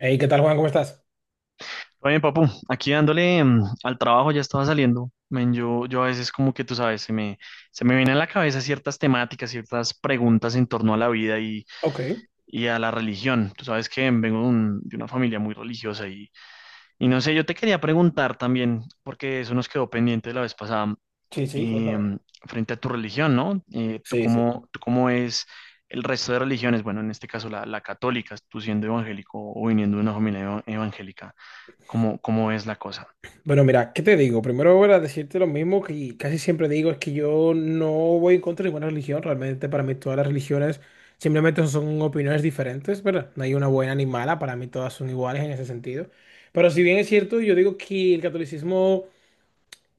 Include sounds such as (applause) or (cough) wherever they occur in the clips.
Hey, ¿qué tal, Juan? ¿Cómo estás? Oye, papu, aquí dándole al trabajo ya estaba saliendo. Men, yo a veces como que tú sabes, se me vienen a la cabeza ciertas temáticas, ciertas preguntas en torno a la vida Ok, y a la religión. Tú sabes que vengo de, de una familia muy religiosa y no sé, yo te quería preguntar también, porque eso nos quedó pendiente la vez pasada, sí, sí, eh, cuéntame. frente a tu religión, ¿no? Sí, sí. Tú cómo es el resto de religiones? Bueno, en este caso la católica, tú siendo evangélico o viniendo de una familia evangélica, cómo es la cosa? Bueno, mira, ¿qué te digo? Primero voy a decirte lo mismo que casi siempre digo, es que yo no voy en contra de ninguna religión. Realmente para mí todas las religiones simplemente son opiniones diferentes, ¿verdad? No hay una buena ni mala, para mí todas son iguales en ese sentido. Pero si bien es cierto, yo digo que el catolicismo.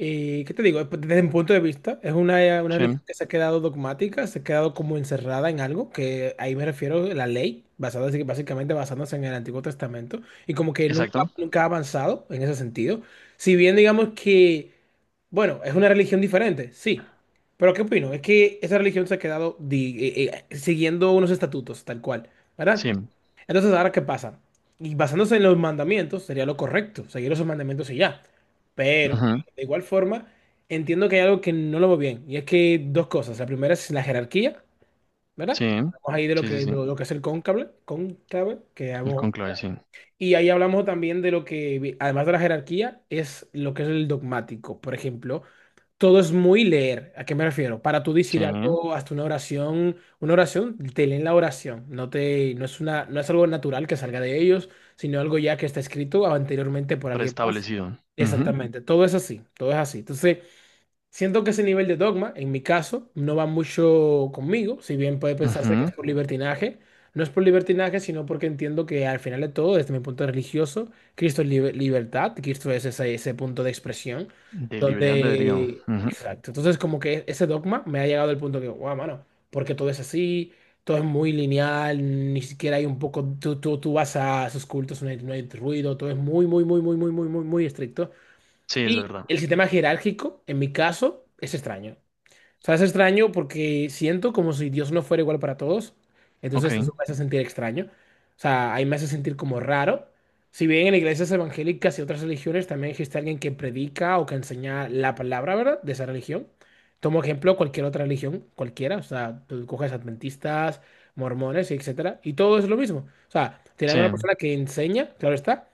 Y, ¿qué te digo? Pues, desde mi punto de vista, es una Sí, religión que se ha quedado dogmática, se ha quedado como encerrada en algo, que ahí me refiero a la ley, basada, así que básicamente basándose en el Antiguo Testamento, y como que nunca, exacto. nunca ha avanzado en ese sentido. Si bien digamos que bueno, es una religión diferente, sí. Pero ¿qué opino? Es que esa religión se ha quedado siguiendo unos estatutos, tal cual, ¿verdad? Sí, Entonces, ¿ahora qué pasa? Y basándose en los mandamientos, sería lo correcto, seguir esos mandamientos y ya. Pero, ujú, de igual forma, entiendo que hay algo que no lo veo bien. Y es que dos cosas. La primera es la jerarquía, ¿verdad? sí. Hablamos ahí de lo Sí, sí, que, sí. lo, lo que es el cónclave, que El hablamos. conclave, sí. Y ahí hablamos también de lo que, además de la jerarquía, es lo que es el dogmático. Por ejemplo, todo es muy leer. ¿A qué me refiero? Para tú decir Sí. algo, hasta una oración, te leen la oración. No te, no es una, no es algo natural que salga de ellos, sino algo ya que está escrito anteriormente por alguien más. Preestablecido. Ujú, Exactamente. Todo es así, todo es así. Entonces, siento que ese nivel de dogma, en mi caso, no va mucho conmigo, si bien puede pensarse que es ujú, por libertinaje. No es por libertinaje, sino porque entiendo que al final de todo, desde mi punto de religioso, Cristo es libertad, Cristo es ese punto de expresión, de libre albedrío. donde. Ujú, Exacto. Entonces, como que ese dogma me ha llegado al punto que, wow, mano, porque todo es así, todo es muy lineal, ni siquiera hay un poco, tú vas a sus cultos, no hay ruido, todo es muy, muy, muy, muy, muy, muy, muy, muy estricto. sí, es Y verdad. el sistema jerárquico, en mi caso, es extraño. O sea, es extraño porque siento como si Dios no fuera igual para todos. Ok. Entonces eso me hace sentir extraño. O sea, ahí me hace sentir como raro. Si bien en iglesias evangélicas y otras religiones también existe alguien que predica o que enseña la palabra, ¿verdad? De esa religión. Tomo ejemplo cualquier otra religión, cualquiera. O sea, tú coges adventistas, mormones, etcétera. Y todo es lo mismo. O sea, tienen una Sí. persona que enseña, claro está,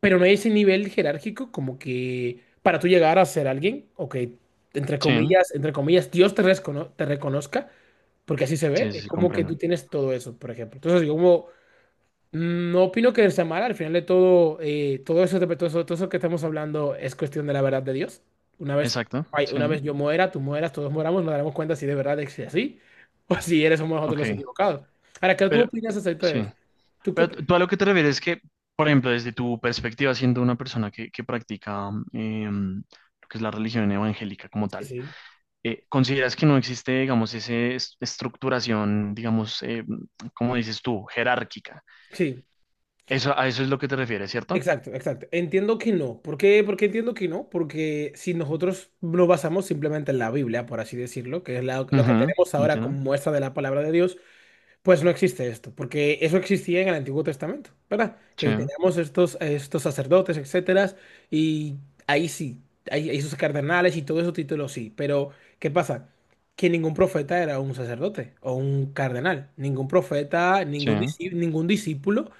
pero no hay ese nivel jerárquico como que para tú llegar a ser alguien o que, Sí. Entre comillas, Dios te reconozca, porque así se ve, Sí, sí, es sí, como que tú comprendo. tienes todo eso, por ejemplo. Entonces, yo como no opino que sea mal, al final de todo, todo eso, todo eso, todo eso que estamos hablando es cuestión de la verdad de Dios. Una vez, Exacto. ay, una Sí. vez yo muera, tú mueras, todos moramos, nos daremos cuenta si de verdad es así (laughs) o si eres somos nosotros los Ok. equivocados. Ahora, ¿qué tú Pero, opinas acerca de sí. eso? ¿Tú qué Pero tú opinas? tú a lo que te refieres es que, por ejemplo, desde tu perspectiva, siendo una persona que practica lo que es la religión evangélica como Sí, tal, sí. ¿Consideras que no existe, digamos, esa estructuración, digamos, como dices tú, jerárquica? Sí. Eso, a eso es lo que te refieres, ¿cierto? Exacto, exacto. Entiendo que no. ¿Por qué? Porque entiendo que no. Porque si nosotros nos basamos simplemente en la Biblia, por así decirlo, que es lo que Ujú, tenemos ahora ¿entiendo? como muestra de la palabra de Dios, pues no existe esto. Porque eso existía en el Antiguo Testamento, ¿verdad? Sí, Que teníamos estos sacerdotes, etcétera. Y ahí sí, hay sus cardenales y todo esos títulos sí. Pero, ¿qué pasa? Que ningún profeta era un sacerdote o un cardenal. Ningún profeta, sí, ningún discípulo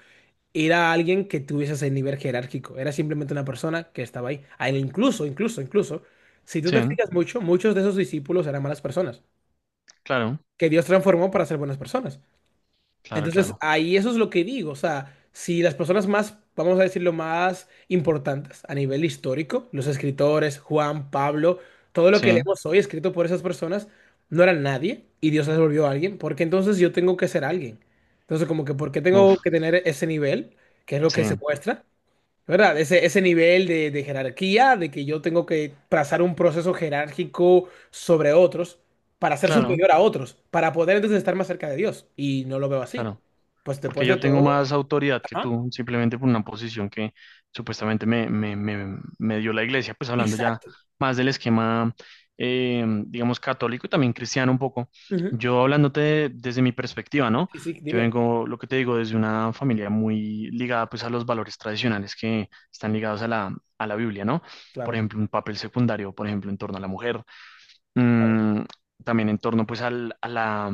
era alguien que tuviese ese nivel jerárquico, era simplemente una persona que estaba ahí. A Incluso, incluso, incluso, si tú sí, te fijas mucho, muchos de esos discípulos eran malas personas, claro, que Dios transformó para ser buenas personas. claro, Entonces, claro, ahí eso es lo que digo, o sea, si las personas más, vamos a decirlo, más importantes a nivel histórico, los escritores, Juan, Pablo, todo lo que sí, leemos hoy escrito por esas personas, no eran nadie y Dios les volvió a alguien, porque entonces yo tengo que ser alguien. Entonces, como que, ¿por qué uf, tengo que tener ese nivel? Que es lo que sí, se muestra, ¿verdad? Ese nivel de jerarquía, de que yo tengo que trazar un proceso jerárquico sobre otros para ser claro, superior a otros, para poder entonces estar más cerca de Dios. Y no lo veo así. claro. Pues Porque después de yo tengo todo. más autoridad que Ajá. tú, simplemente por una posición que supuestamente me dio la iglesia, pues hablando ya Exacto. más del esquema, digamos, católico y también cristiano un poco. Ujú. Yo hablándote desde mi perspectiva, ¿no? Sí, sí, Yo dime. vengo, lo que te digo, desde una familia muy ligada pues a los valores tradicionales que están ligados a a la Biblia, ¿no? Por Claro, ejemplo, un papel secundario, por ejemplo, en torno a la mujer, claro. mm, también en torno pues a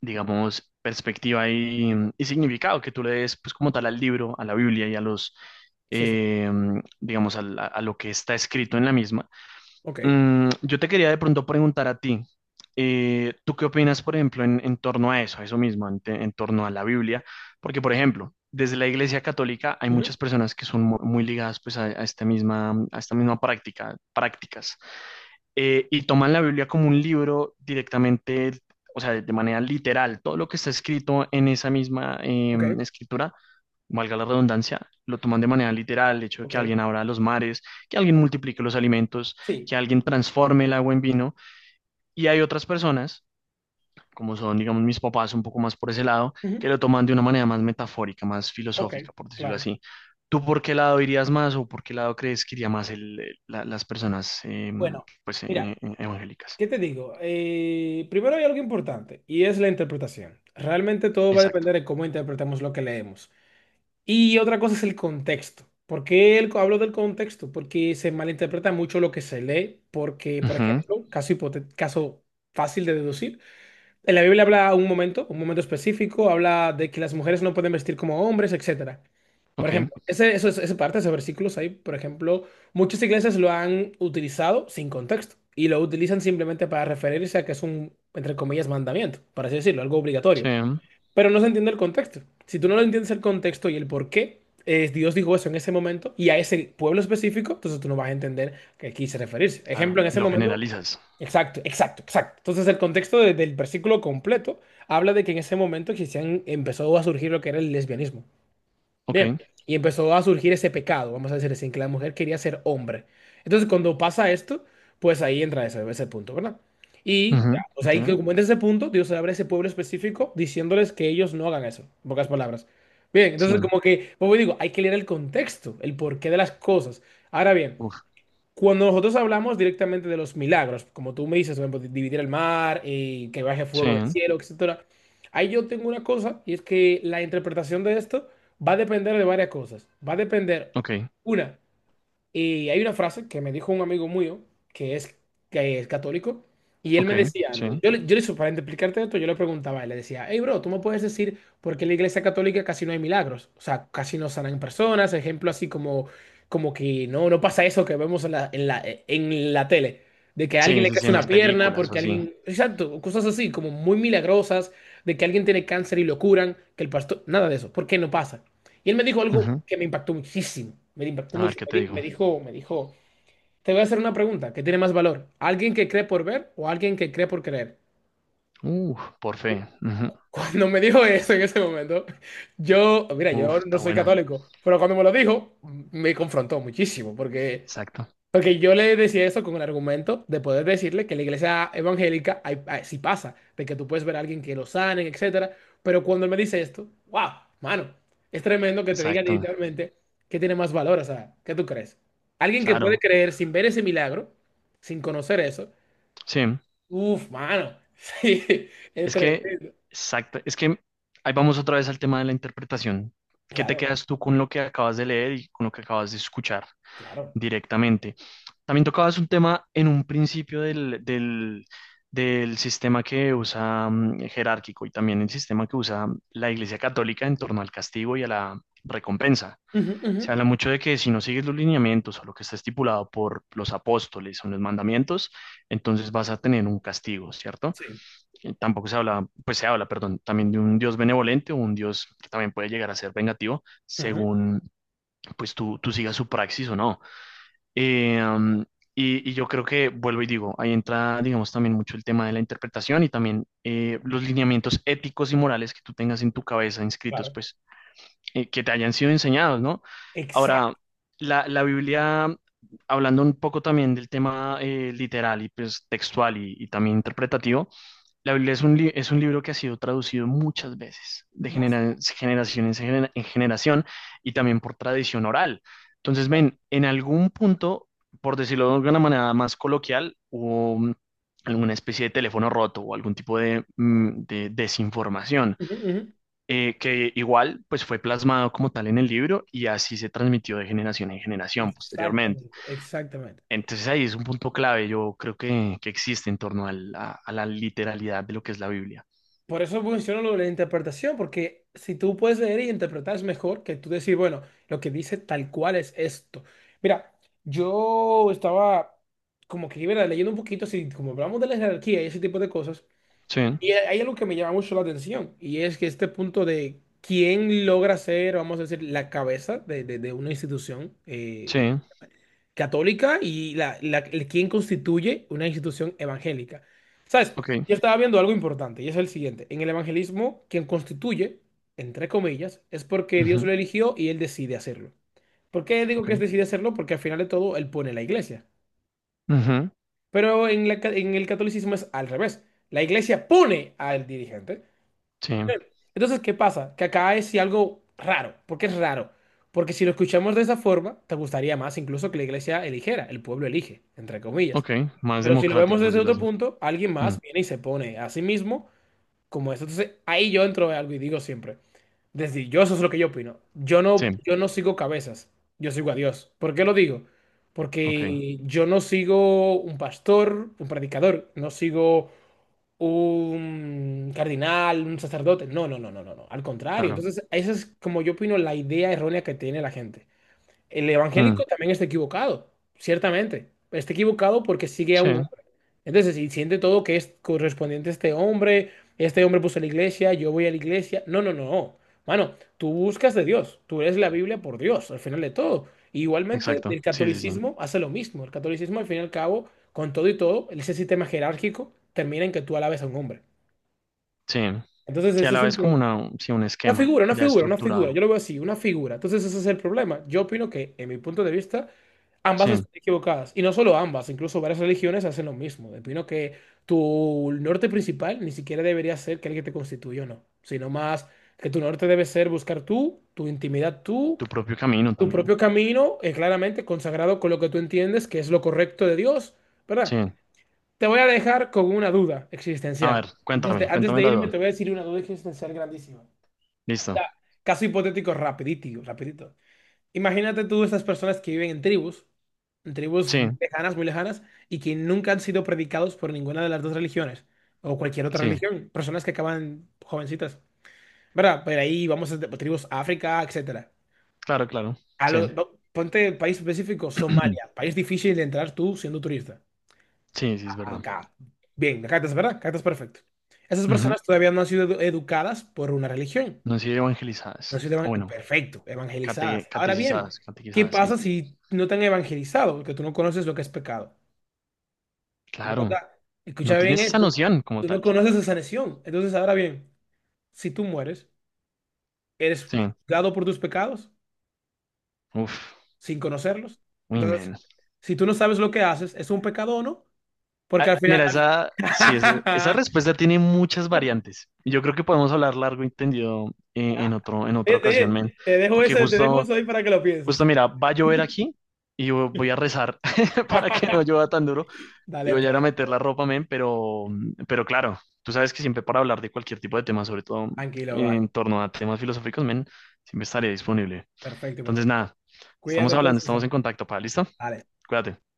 digamos, perspectiva y significado que tú le des, pues como tal, al libro, a la Biblia y a los, Sí, sí. eh, digamos, a lo que está escrito en la misma. Ok. Yo te quería de pronto preguntar a ti, ¿tú qué opinas, por ejemplo, en torno a eso mismo, en torno a la Biblia? Porque, por ejemplo, desde la Iglesia Católica hay Ujú. muchas personas que son muy ligadas pues a esta misma prácticas y toman la Biblia como un libro directamente, o sea, de manera literal. Todo lo que está escrito en esa misma Ok, escritura, valga la redundancia, lo toman de manera literal, el hecho de que ok. alguien abra los mares, que alguien multiplique los alimentos, Sí. que alguien transforme el agua en vino. Y hay otras personas, como son, digamos, mis papás un poco más por ese lado, Ujú. que lo toman de una manera más metafórica, más Ok, filosófica, por decirlo claro. así. ¿Tú por qué lado irías más o por qué lado crees que iría más las personas Bueno, pues, mira, evangélicas? ¿qué te digo? Primero hay algo importante y es la interpretación. Realmente todo va a Exacto. depender de cómo interpretamos lo que leemos. Y otra cosa es el contexto. ¿Por qué hablo del contexto? Porque se malinterpreta mucho lo que se lee, porque, por Ujú, ejemplo, caso fácil de deducir, en la Biblia habla un momento específico, habla de que las mujeres no pueden vestir como hombres, etcétera. Por ok. ejemplo, esa parte, esos versículos ahí, por ejemplo, muchas iglesias lo han utilizado sin contexto y lo utilizan simplemente para referirse a que es un, entre comillas, mandamiento, por así decirlo, algo obligatorio. Sí. Pero no se entiende el contexto. Si tú no lo entiendes el contexto y el por qué Dios dijo eso en ese momento y a ese pueblo específico, entonces tú no vas a entender a qué quise referirse. Claro. Ejemplo, en ese Lo momento, generalizas. exacto, exacto, exacto. Entonces el contexto del versículo completo habla de que en ese momento existían, empezó a surgir lo que era el lesbianismo. Bien, Ok. y empezó a surgir ese pecado, vamos a decir así, en que la mujer quería ser hombre. Entonces, cuando pasa esto, pues ahí entra ese punto, ¿verdad? Y ya, Ujú, pues ahí, ¿entiendo? que como entra ese punto, Dios se abre a ese pueblo específico diciéndoles que ellos no hagan eso, en pocas palabras. Bien, Sí. entonces como que, como digo, hay que leer el contexto, el porqué de las cosas. Ahora bien, Uf. cuando nosotros hablamos directamente de los milagros, como tú me dices, por ejemplo, dividir el mar, que baje Sí. fuego del cielo, etcétera, ahí yo tengo una cosa y es que la interpretación de esto va a depender de varias cosas. Va a depender, Ok. una, y hay una frase que me dijo un amigo mío que es, que es católico y él Ok. me decía Sí. algo. Yo le, para explicarte esto, yo le preguntaba, y le decía, hey bro, tú me puedes decir por qué en la iglesia católica casi no hay milagros, o sea, casi no sanan personas, ejemplo así como, como que no, no pasa eso que vemos en la, tele, de que a alguien Sí, le sí, sí, crece en una las pierna, películas o porque así. alguien, exacto, cosas así como muy milagrosas, de que alguien tiene cáncer y lo curan, que el pastor, nada de eso, ¿por qué no pasa? Y él me dijo algo Ujú, que me impactó muchísimo, me impactó a ver mucho. qué Me te di- digo. me dijo, me dijo, te voy a hacer una pregunta, ¿qué tiene más valor? ¿Alguien que cree por ver o alguien que cree por creer? Uf, por fe. (laughs) Cuando me dijo eso en ese momento, yo, mira, Ujú, uf, yo no está soy buena. católico, pero cuando me lo dijo, me confrontó muchísimo, porque Exacto. Porque yo le decía eso con el argumento de poder decirle que en la iglesia evangélica sí pasa, de que tú puedes ver a alguien que lo sanen, etcétera. Pero cuando él me dice esto, wow, mano, es tremendo que te digan Exacto. literalmente que tiene más valor. O sea, ¿qué tú crees? Alguien que puede Claro. creer sin ver ese milagro, sin conocer eso, Sí. uff, mano, (laughs) sí, es Es que, tremendo. exacto. Es que ahí vamos otra vez al tema de la interpretación. ¿Qué te Claro, quedas tú con lo que acabas de leer y con lo que acabas de escuchar? claro. Directamente. También tocabas un tema en un principio del sistema que usa jerárquico y también el sistema que usa la Iglesia Católica en torno al castigo y a la recompensa. Ujú, ujú, Se habla mucho de que si no sigues los lineamientos o lo que está estipulado por los apóstoles o en los mandamientos, entonces vas a tener un castigo, ¿cierto? sí, Y tampoco se habla, pues se habla, perdón, también de un Dios benevolente o un Dios que también puede llegar a ser vengativo ujú, según pues tú sigas su praxis o no. Eh, um, y yo creo que vuelvo y digo, ahí entra, digamos, también mucho el tema de la interpretación y también los lineamientos éticos y morales que tú tengas en tu cabeza inscritos, claro. pues, que te hayan sido enseñados, ¿no? Ahora, Exacto. La Biblia, hablando un poco también del tema literal y pues textual y también interpretativo, la Biblia es un, es un libro que ha sido traducido muchas veces, de Vas. Generación en, en generación, y también por tradición oral. Entonces, ven, en algún punto, por decirlo de alguna manera más coloquial, hubo alguna especie de teléfono roto o algún tipo de, de desinformación, Ujú, ujú, que igual pues fue plasmado como tal en el libro y así se transmitió de generación en generación posteriormente. exactamente, exactamente. Entonces ahí es un punto clave, yo creo que existe en torno a la literalidad de lo que es la Biblia. Por eso menciono lo de la interpretación, porque si tú puedes leer y interpretar es mejor que tú decir, bueno, lo que dice tal cual es esto. Mira, yo estaba como que ¿verdad? Leyendo un poquito, si como hablamos de la jerarquía y ese tipo de cosas, Sí, y hay algo que me llama mucho la atención, y es que este punto de quién logra ser, vamos a decir, la cabeza de una institución, sí, católica y quien constituye una institución evangélica. ¿Sabes? ok, Yo estaba viendo algo importante y es el siguiente. En el evangelismo, quien constituye, entre comillas, es porque Dios ujú, lo eligió y él decide hacerlo. ¿Por qué digo ok, que es decide hacerlo? Porque al final de todo él pone la iglesia. ujú, Pero en el catolicismo es al revés. La iglesia pone al dirigente. sí, Entonces, ¿qué pasa? Que acá es sí algo raro. ¿Por qué es raro? Porque si lo escuchamos de esa forma, te gustaría más incluso que la iglesia eligiera, el pueblo elige, entre comillas. ok, más Pero si lo vemos democrático, por desde decirlo otro así. punto, alguien Mm, más viene y se pone a sí mismo como eso. Entonces, ahí yo entro en algo y digo siempre, desde yo eso es lo que yo opino. Yo no, sí, yo no sigo cabezas, yo sigo a Dios. ¿Por qué lo digo? ok, Porque yo no sigo un pastor, un predicador, no sigo un cardinal, un sacerdote. No, no, no, no, no, no. Al contrario. claro. Entonces, esa es como yo opino la idea errónea que tiene la gente. El Mm, evangélico también está equivocado, ciertamente. Está equivocado porque sigue a sí, un. Entonces, si siente todo que es correspondiente a este hombre puso la iglesia, yo voy a la iglesia. No, no, no, no. Mano, tú buscas de Dios, tú eres la Biblia por Dios, al final de todo. Igualmente, exacto, el sí, sí, sí, catolicismo hace lo mismo. El catolicismo, al fin y al cabo, con todo y todo, ese sistema jerárquico termina en que tú alabes a un hombre. sí, Entonces, sí, a ese la es un vez como problema. una, sí, un Una esquema figura, una ya figura, una figura. estructurado, Yo lo veo así, una figura. Entonces ese es el problema. Yo opino que, en mi punto de vista, ambas sí, están equivocadas. Y no solo ambas, incluso varias religiones hacen lo mismo. Opino que tu norte principal ni siquiera debería ser que el que te constituyó, no. Sino más que tu norte debe ser buscar tú, tu intimidad tú, tu propio camino tu también, propio camino, claramente consagrado con lo que tú entiendes que es lo correcto de Dios, sí. ¿verdad? Te voy a dejar con una duda A existencial. ver, Antes de, cuéntame, antes cuéntame de la irme, duda. te voy a decir una duda existencial grandísima. Listo, Caso hipotético rapidito, rapidito. Imagínate tú esas personas que viven en tribus sí, muy lejanas, y que nunca han sido predicados por ninguna de las dos religiones, o cualquier otra sí, religión, personas que acaban jovencitas. ¿Verdad? Pero ahí vamos a tribus África, etcétera. claro, claro, A sí, lo- va- ponte país específico, (clears throat) Somalia, país difícil de entrar tú siendo turista. sí, sí, es verdad. Acá. Bien, acá estás, ¿verdad? Acá estás perfecto. Esas Ujú, personas todavía no han sido educadas por una religión. no han sido No evangelizadas, se o evan- bueno, Perfecto, evangelizadas. Ahora bien, catequizadas, ¿qué catequizadas, sí, pasa si no te han evangelizado? Porque tú no conoces lo que es pecado. Lo que claro. está- No Escucha bien tienes esa esto. noción como Tú no tal. conoces esa sanción. Entonces, ahora bien, si tú mueres, eres Sí. dado por tus pecados Uf. sin conocerlos. Uy, Entonces, men. si tú no sabes lo que haces, ¿es un pecado o no? Porque Ah, al final, mira, esa, sí, esa (laughs) respuesta tiene muchas variantes. Y yo creo que podemos hablar largo y tendido en otro, en otra Oye, ocasión, te, men. te dejo Porque eso, te dejo justo, eso ahí para que lo justo, pienses. mira, va a llover aquí y yo voy a rezar (laughs) para que no (laughs) llueva tan duro. Y Dale, voy a ir a pues. meter la ropa, men, pero claro, tú sabes que siempre para hablar de cualquier tipo de tema, sobre todo Tranquilo, bye. en torno a temas filosóficos, men, siempre estaré disponible. Perfecto, Entonces, perfecto. nada, Cuídate estamos hablando, entonces. estamos Ah, en contacto, pa, ¿listo? dale. Cuídate.